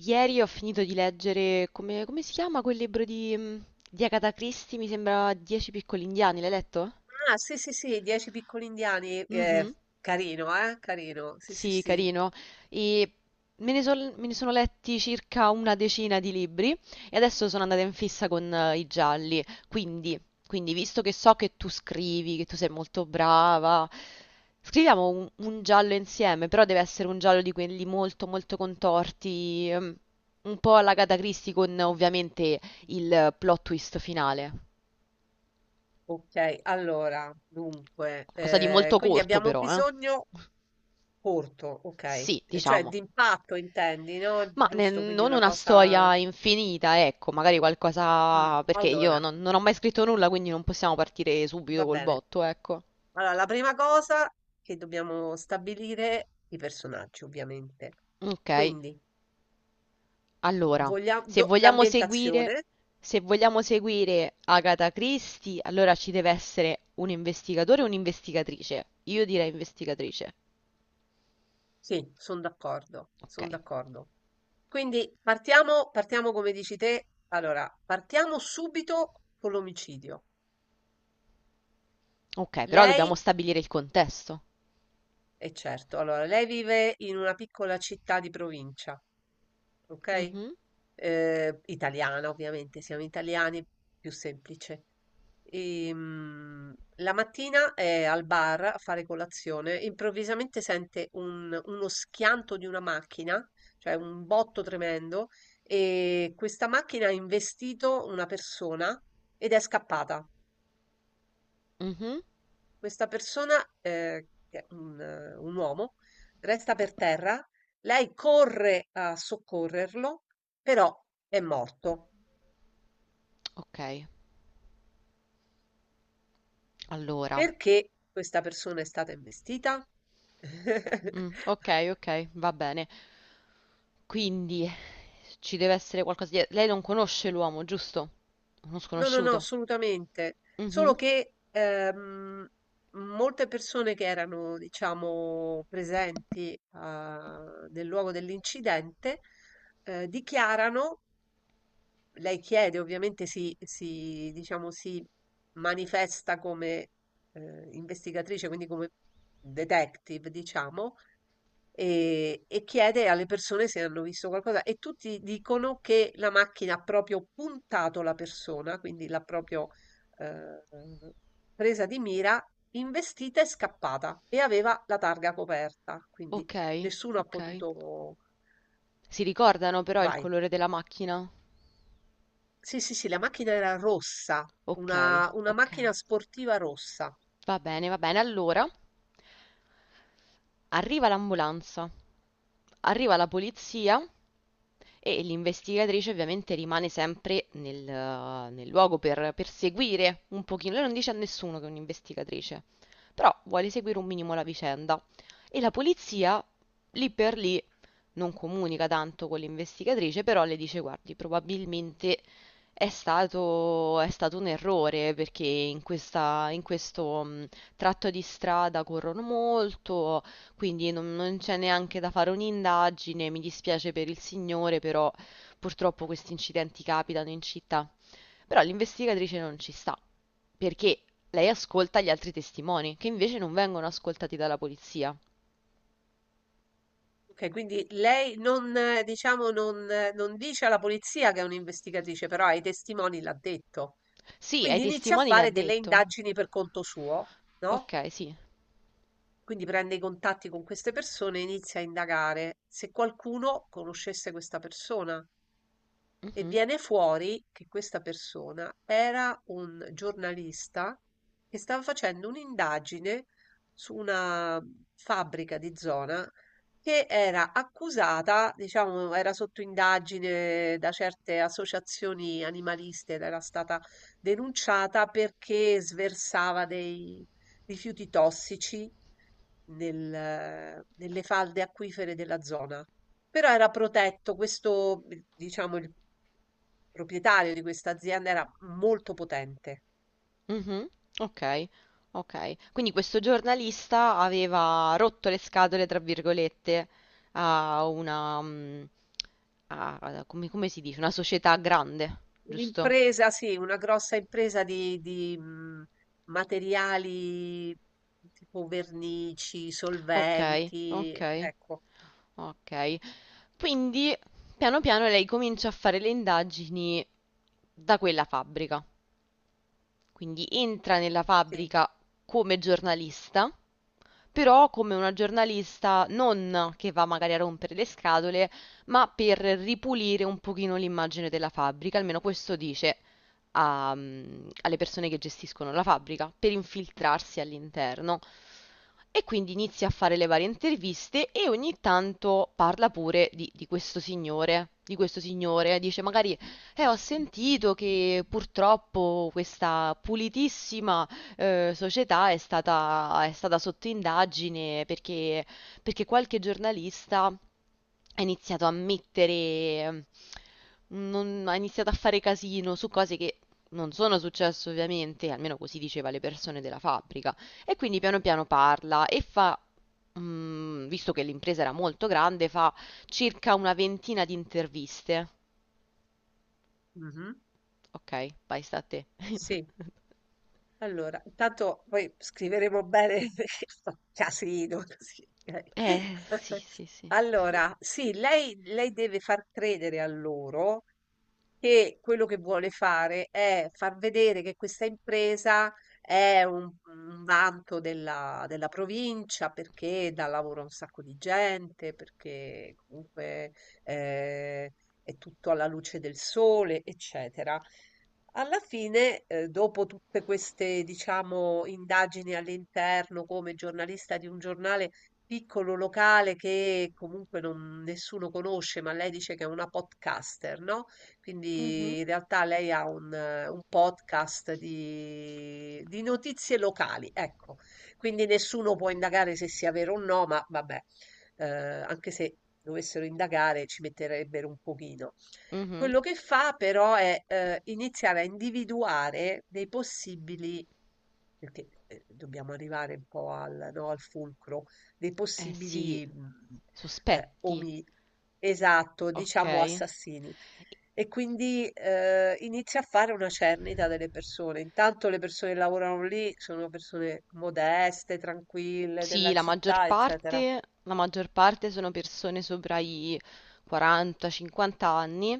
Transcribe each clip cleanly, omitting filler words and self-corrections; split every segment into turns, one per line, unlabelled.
Ieri ho finito di leggere, come si chiama quel libro di Agatha Christie? Mi sembra Dieci piccoli indiani, l'hai letto?
Ah, sì, sì, sì, 10 piccoli indiani,
Mhm.
carino, carino, sì, sì,
Sì,
sì.
carino. E me ne sono letti circa una decina di libri e adesso sono andata in fissa con i gialli. Quindi, visto che so che tu scrivi, che tu sei molto brava, scriviamo un giallo insieme, però deve essere un giallo di quelli molto, molto contorti, un po' alla Agatha Christie con ovviamente il
Mm.
eh, plot twist finale.
Ok, allora, dunque,
Qualcosa di molto
quindi
corto
abbiamo
però, eh?
bisogno corto, ok,
Sì,
cioè
diciamo.
d'impatto intendi, no?
Ma ne-
Giusto, quindi
non
una
una storia infinita, ecco, magari qualcosa, perché io
allora,
non ho mai scritto nulla, quindi non possiamo partire subito
va
col
bene.
botto, ecco.
Allora, la prima cosa che dobbiamo stabilire, i personaggi, ovviamente.
Ok,
Quindi,
allora,
vogliamo...
se vogliamo seguire,
l'ambientazione,
se vogliamo seguire Agatha Christie, allora ci deve essere un investigatore e un'investigatrice. Io direi investigatrice.
sì, sono d'accordo,
Ok,
sono d'accordo. Quindi partiamo come dici te. Allora, partiamo subito con l'omicidio.
ok, però dobbiamo
Lei,
stabilire il contesto.
è certo, allora, lei vive in una piccola città di provincia, ok?
Mhm,
Italiana, ovviamente, siamo italiani, più semplice. La mattina è al bar a fare colazione, improvvisamente sente uno schianto di una macchina, cioè un botto tremendo, e questa macchina ha investito una persona ed è scappata.
mhm.
Questa persona, che è un uomo, resta per terra, lei corre a soccorrerlo, però è morto.
Ok, allora,
Perché questa persona è stata investita?
mm, ok, ok, va bene. Quindi, ci deve essere qualcosa dietro. Lei non conosce l'uomo, giusto? Uno
No, no, no,
sconosciuto.
assolutamente. Solo
Mhm.
che molte persone che erano, diciamo, presenti ah, nel luogo dell'incidente dichiarano, lei chiede, ovviamente diciamo, si manifesta come investigatrice, quindi come detective, diciamo, e chiede alle persone se hanno visto qualcosa e tutti dicono che la macchina ha proprio puntato la persona, quindi l'ha proprio eh, presa di mira, investita e scappata e aveva la targa coperta, quindi
Ok,
nessuno ha
ok.
potuto...
Si ricordano però il
Vai.
colore della macchina?
Sì, sì, sì, la macchina era rossa,
Ok,
una
ok.
macchina sportiva rossa.
Va bene, va bene. Allora, arriva l'ambulanza, arriva la polizia e l'investigatrice ovviamente rimane sempre nel luogo per seguire un pochino. Lei non dice a nessuno che è un'investigatrice, però vuole seguire un minimo la vicenda. E la polizia, lì per lì, non comunica tanto con l'investigatrice, però le dice: guardi, probabilmente è stato un errore perché in questo tratto di strada corrono molto, quindi non c'è neanche da fare un'indagine. Mi dispiace per il signore, però purtroppo questi incidenti capitano in città. Però l'investigatrice non ci sta perché lei ascolta gli altri testimoni, che invece non vengono ascoltati dalla polizia.
Ok, quindi lei non, diciamo, non dice alla polizia che è un'investigatrice, però ai testimoni l'ha detto.
Sì, ai
Quindi inizia a
testimoni le ha
fare delle
detto.
indagini per conto suo, no,
Ok, sì.
quindi prende i contatti con queste persone e inizia a indagare se qualcuno conoscesse questa persona. E
Mhm,
viene fuori che questa persona era un giornalista che stava facendo un'indagine su una fabbrica di zona che era accusata, diciamo, era sotto indagine da certe associazioni animaliste ed era stata denunciata perché sversava dei rifiuti tossici nelle falde acquifere della zona. Però era protetto, questo, diciamo, il proprietario di questa azienda era molto potente.
mhm. Ok, ok. Quindi questo giornalista aveva rotto le scatole, tra virgolette, a una, come si dice? Una società grande, giusto?
Un'impresa sì, una grossa impresa di materiali tipo vernici,
Ok,
solventi,
ok,
ecco,
ok. Quindi, piano piano lei comincia a fare le indagini da quella fabbrica. Quindi entra nella
sì.
fabbrica come giornalista. Però come una giornalista non che va magari a rompere le scatole, ma per ripulire un pochino l'immagine della fabbrica, almeno questo dice alle persone che gestiscono la fabbrica, per infiltrarsi all'interno. E quindi inizia a fare le varie interviste e ogni tanto parla pure di questo signore, dice magari, ho sentito che purtroppo questa pulitissima società è stata sotto indagine perché qualche giornalista ha iniziato a mettere, ha iniziato a fare casino su cose che non sono successe ovviamente, almeno così diceva le persone della fabbrica. E quindi piano piano parla e fa, visto che l'impresa era molto grande, fa circa una ventina di interviste.
Mh-mh.
Ok, vai, sta a te.
Sì. Allora, intanto poi scriveremo bene perché fa casino così, okay.
Sì, sì, sì.
Allora, sì, lei deve far credere a loro che quello che vuole fare è far vedere che questa impresa è un vanto della, della provincia perché dà lavoro a un sacco di gente, perché comunque eh, è tutto alla luce del sole, eccetera. Alla fine, dopo tutte queste, diciamo, indagini all'interno come giornalista di un giornale piccolo locale che comunque nessuno conosce, ma lei dice che è una podcaster, no?
Mhm,
Quindi in realtà lei ha un podcast di notizie locali, ecco. Quindi nessuno può indagare se sia vero o no, ma vabbè, anche se dovessero indagare ci metterebbero un pochino.
mhm.
Quello che fa però è iniziare a individuare dei possibili, perché dobbiamo arrivare un po' al, no, al fulcro, dei
Eh sì,
possibili eh,
sospetti,
omi, esatto, diciamo
okay.
assassini. E quindi inizia a fare una cernita delle persone. Intanto le persone che lavorano lì sono persone modeste, tranquille,
Sì,
della
la maggior
città, eccetera.
parte la maggior parte sono persone sopra i 40, 50 anni,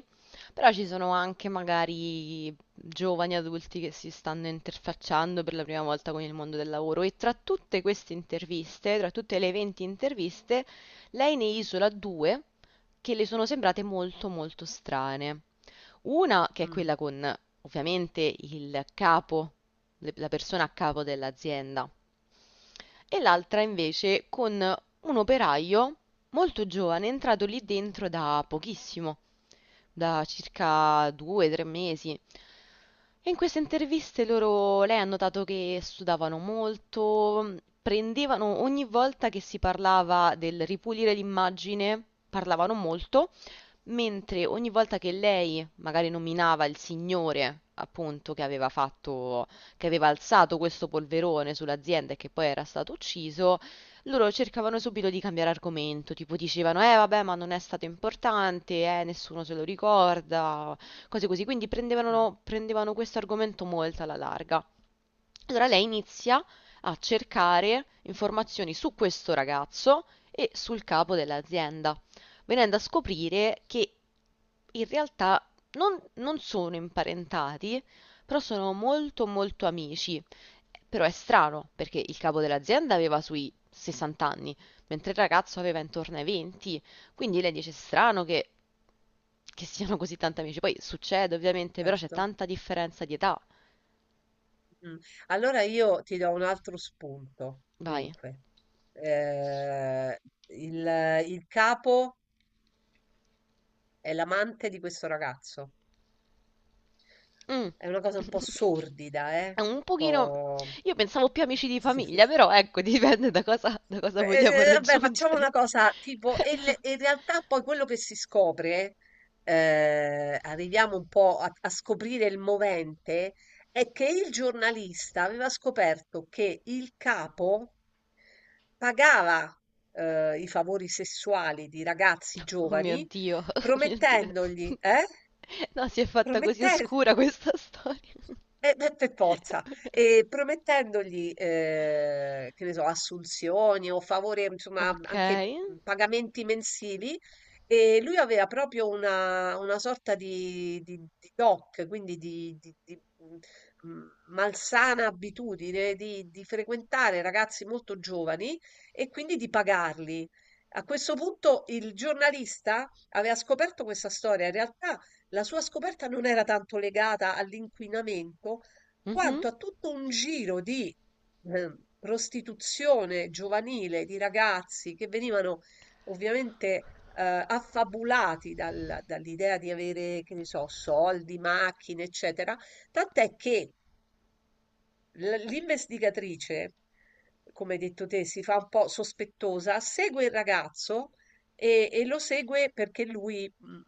però ci sono anche magari giovani adulti che si stanno interfacciando per la prima volta con il mondo del lavoro e tra tutte queste interviste, tra tutte le 20 interviste, lei ne isola due che le sono sembrate molto molto strane. Una che è
Mm,
quella con ovviamente il capo, la persona a capo dell'azienda, e l'altra invece con un operaio molto giovane, entrato lì dentro da pochissimo, da circa due, tre mesi. E in queste interviste lei ha notato che studavano molto, prendevano ogni volta che si parlava del ripulire l'immagine, parlavano molto mentre ogni volta che lei magari nominava il signore, appunto, che aveva alzato questo polverone sull'azienda e che poi era stato ucciso, loro cercavano subito di cambiare argomento, tipo dicevano, eh vabbè, ma non è stato importante, nessuno se lo ricorda, cose così, quindi
mm,
prendevano questo argomento molto alla larga. Allora lei inizia a cercare informazioni su questo ragazzo e sul capo dell'azienda venendo a scoprire che in realtà non sono imparentati, però sono molto molto amici. Però è strano, perché il capo dell'azienda aveva sui 60 anni, mentre il ragazzo aveva intorno ai 20, quindi lei dice: "È strano che siano così tanti amici. Poi succede ovviamente, però c'è
certo.
tanta differenza di età."
Mm. Allora io ti do un altro spunto.
Vai.
Dunque, eh, il, il capo è l'amante di questo ragazzo.
Mm,
È una cosa un po' sordida,
è
eh?
un
Un
pochino.
po'...
Io pensavo più amici di famiglia, però ecco, dipende da cosa vogliamo
Vabbè, facciamo
raggiungere.
una cosa tipo, e e in realtà poi quello che si scopre, arriviamo un po' a scoprire il movente, è che il giornalista aveva scoperto che il capo pagava, i favori sessuali di ragazzi
Oh mio
giovani
Dio, oh mio Dio.
promettendogli eh?
No, si è fatta così
Prometten
oscura questa storia.
Eh beh, per forza, promettendogli, che ne so, assunzioni o favori, insomma,
Ok.
anche, pagamenti mensili, e lui aveva proprio una sorta di DOC, quindi di malsana abitudine di frequentare ragazzi molto giovani e quindi di pagarli. A questo punto il giornalista aveva scoperto questa storia, in realtà la sua scoperta non era tanto legata all'inquinamento,
Mhm.
quanto a tutto un giro di eh, prostituzione giovanile di ragazzi che venivano ovviamente affabulati dall'idea di avere, che ne so, soldi, macchine, eccetera. Tant'è che l'investigatrice, come hai detto te, si fa un po' sospettosa, segue il ragazzo e lo segue perché lui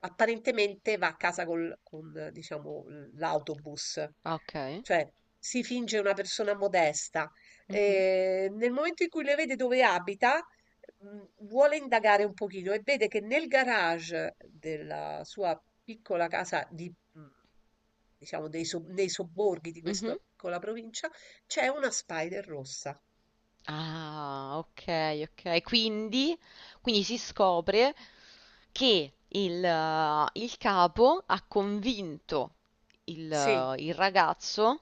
apparentemente va a casa con, diciamo, l'autobus,
Ah, ok.
cioè si finge una persona modesta.
Mhm.
Nel momento in cui le vede dove abita, vuole indagare un pochino e vede che nel garage della sua piccola casa di diciamo dei so nei sobborghi di
Mhm.
questa piccola provincia, c'è una spider rossa.
Ah, ok, ok. Quindi, si scopre che il capo ha convinto il,
Sì,
eh, il ragazzo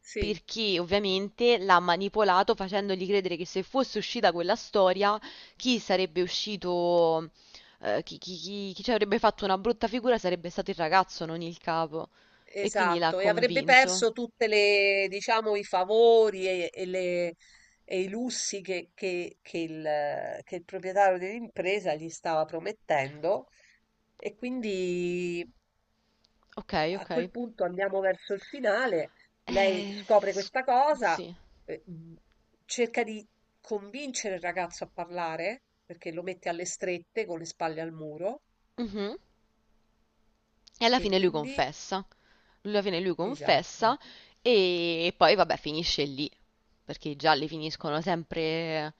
sì,
perché ovviamente l'ha manipolato facendogli credere che se fosse uscita quella storia, chi sarebbe uscito, chi ci avrebbe fatto una brutta figura sarebbe stato il ragazzo, non il capo. E quindi l'ha
esatto. E avrebbe
convinto.
perso tutte le diciamo i favori e le i lussi che il proprietario dell'impresa gli stava promettendo e quindi
Ok,
a
ok.
quel punto andiamo verso il finale, lei
Eh,
scopre
s-
questa cosa,
sì.
eh, mh, cerca di convincere il ragazzo a parlare, perché lo mette alle strette con le spalle al muro,
Mhm. E alla
e
fine lui
quindi,
confessa, alla fine lui
esatto.
confessa e poi vabbè finisce lì, perché i gialli finiscono sempre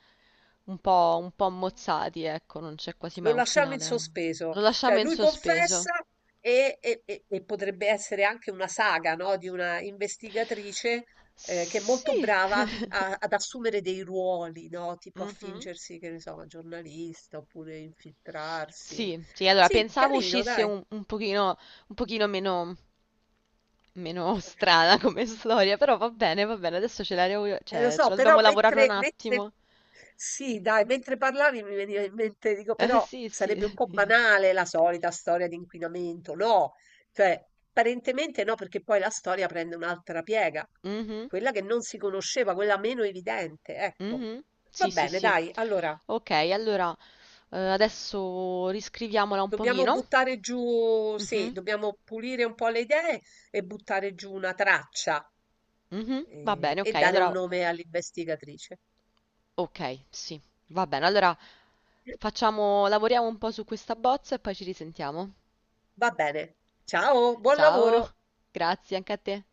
un po' ammozzati, ecco, non c'è quasi mai
Lo
un
lasciamo in
finale.
sospeso.
Lo
Cioè
lasciamo in
lui
sospeso.
confessa e potrebbe essere anche una saga, no? Di una investigatrice che è molto
Sì,
brava ad assumere dei ruoli, no? Tipo a
mhm,
fingersi, che ne so, una giornalista oppure infiltrarsi.
sì, sì, allora
Sì,
pensavo
carino,
uscisse
dai.
un pochino meno strana come storia, però va bene, adesso
Lo
cioè, ce
so,
la dobbiamo
però
lavorare un
mentre
attimo.
sì dai, mentre parlavi mi veniva in mente, dico però
Sì, sì.
sarebbe un po' banale la solita storia di inquinamento, no, cioè apparentemente no, perché poi la storia prende un'altra piega,
Mhm,
quella che non si conosceva, quella meno evidente, ecco.
mhm.
Va
Sì, sì,
bene,
sì.
dai, allora
Ok, allora, adesso riscriviamola un
dobbiamo
pochino.
buttare giù, sì,
Mhm,
dobbiamo pulire un po' le idee e buttare giù una traccia
mhm. Va bene,
e
ok,
dare un
allora,
nome all'investigatrice.
ok, sì, va bene. Allora lavoriamo un po' su questa bozza e poi ci risentiamo.
Va bene. Ciao, buon
Ciao,
lavoro.
grazie anche a te.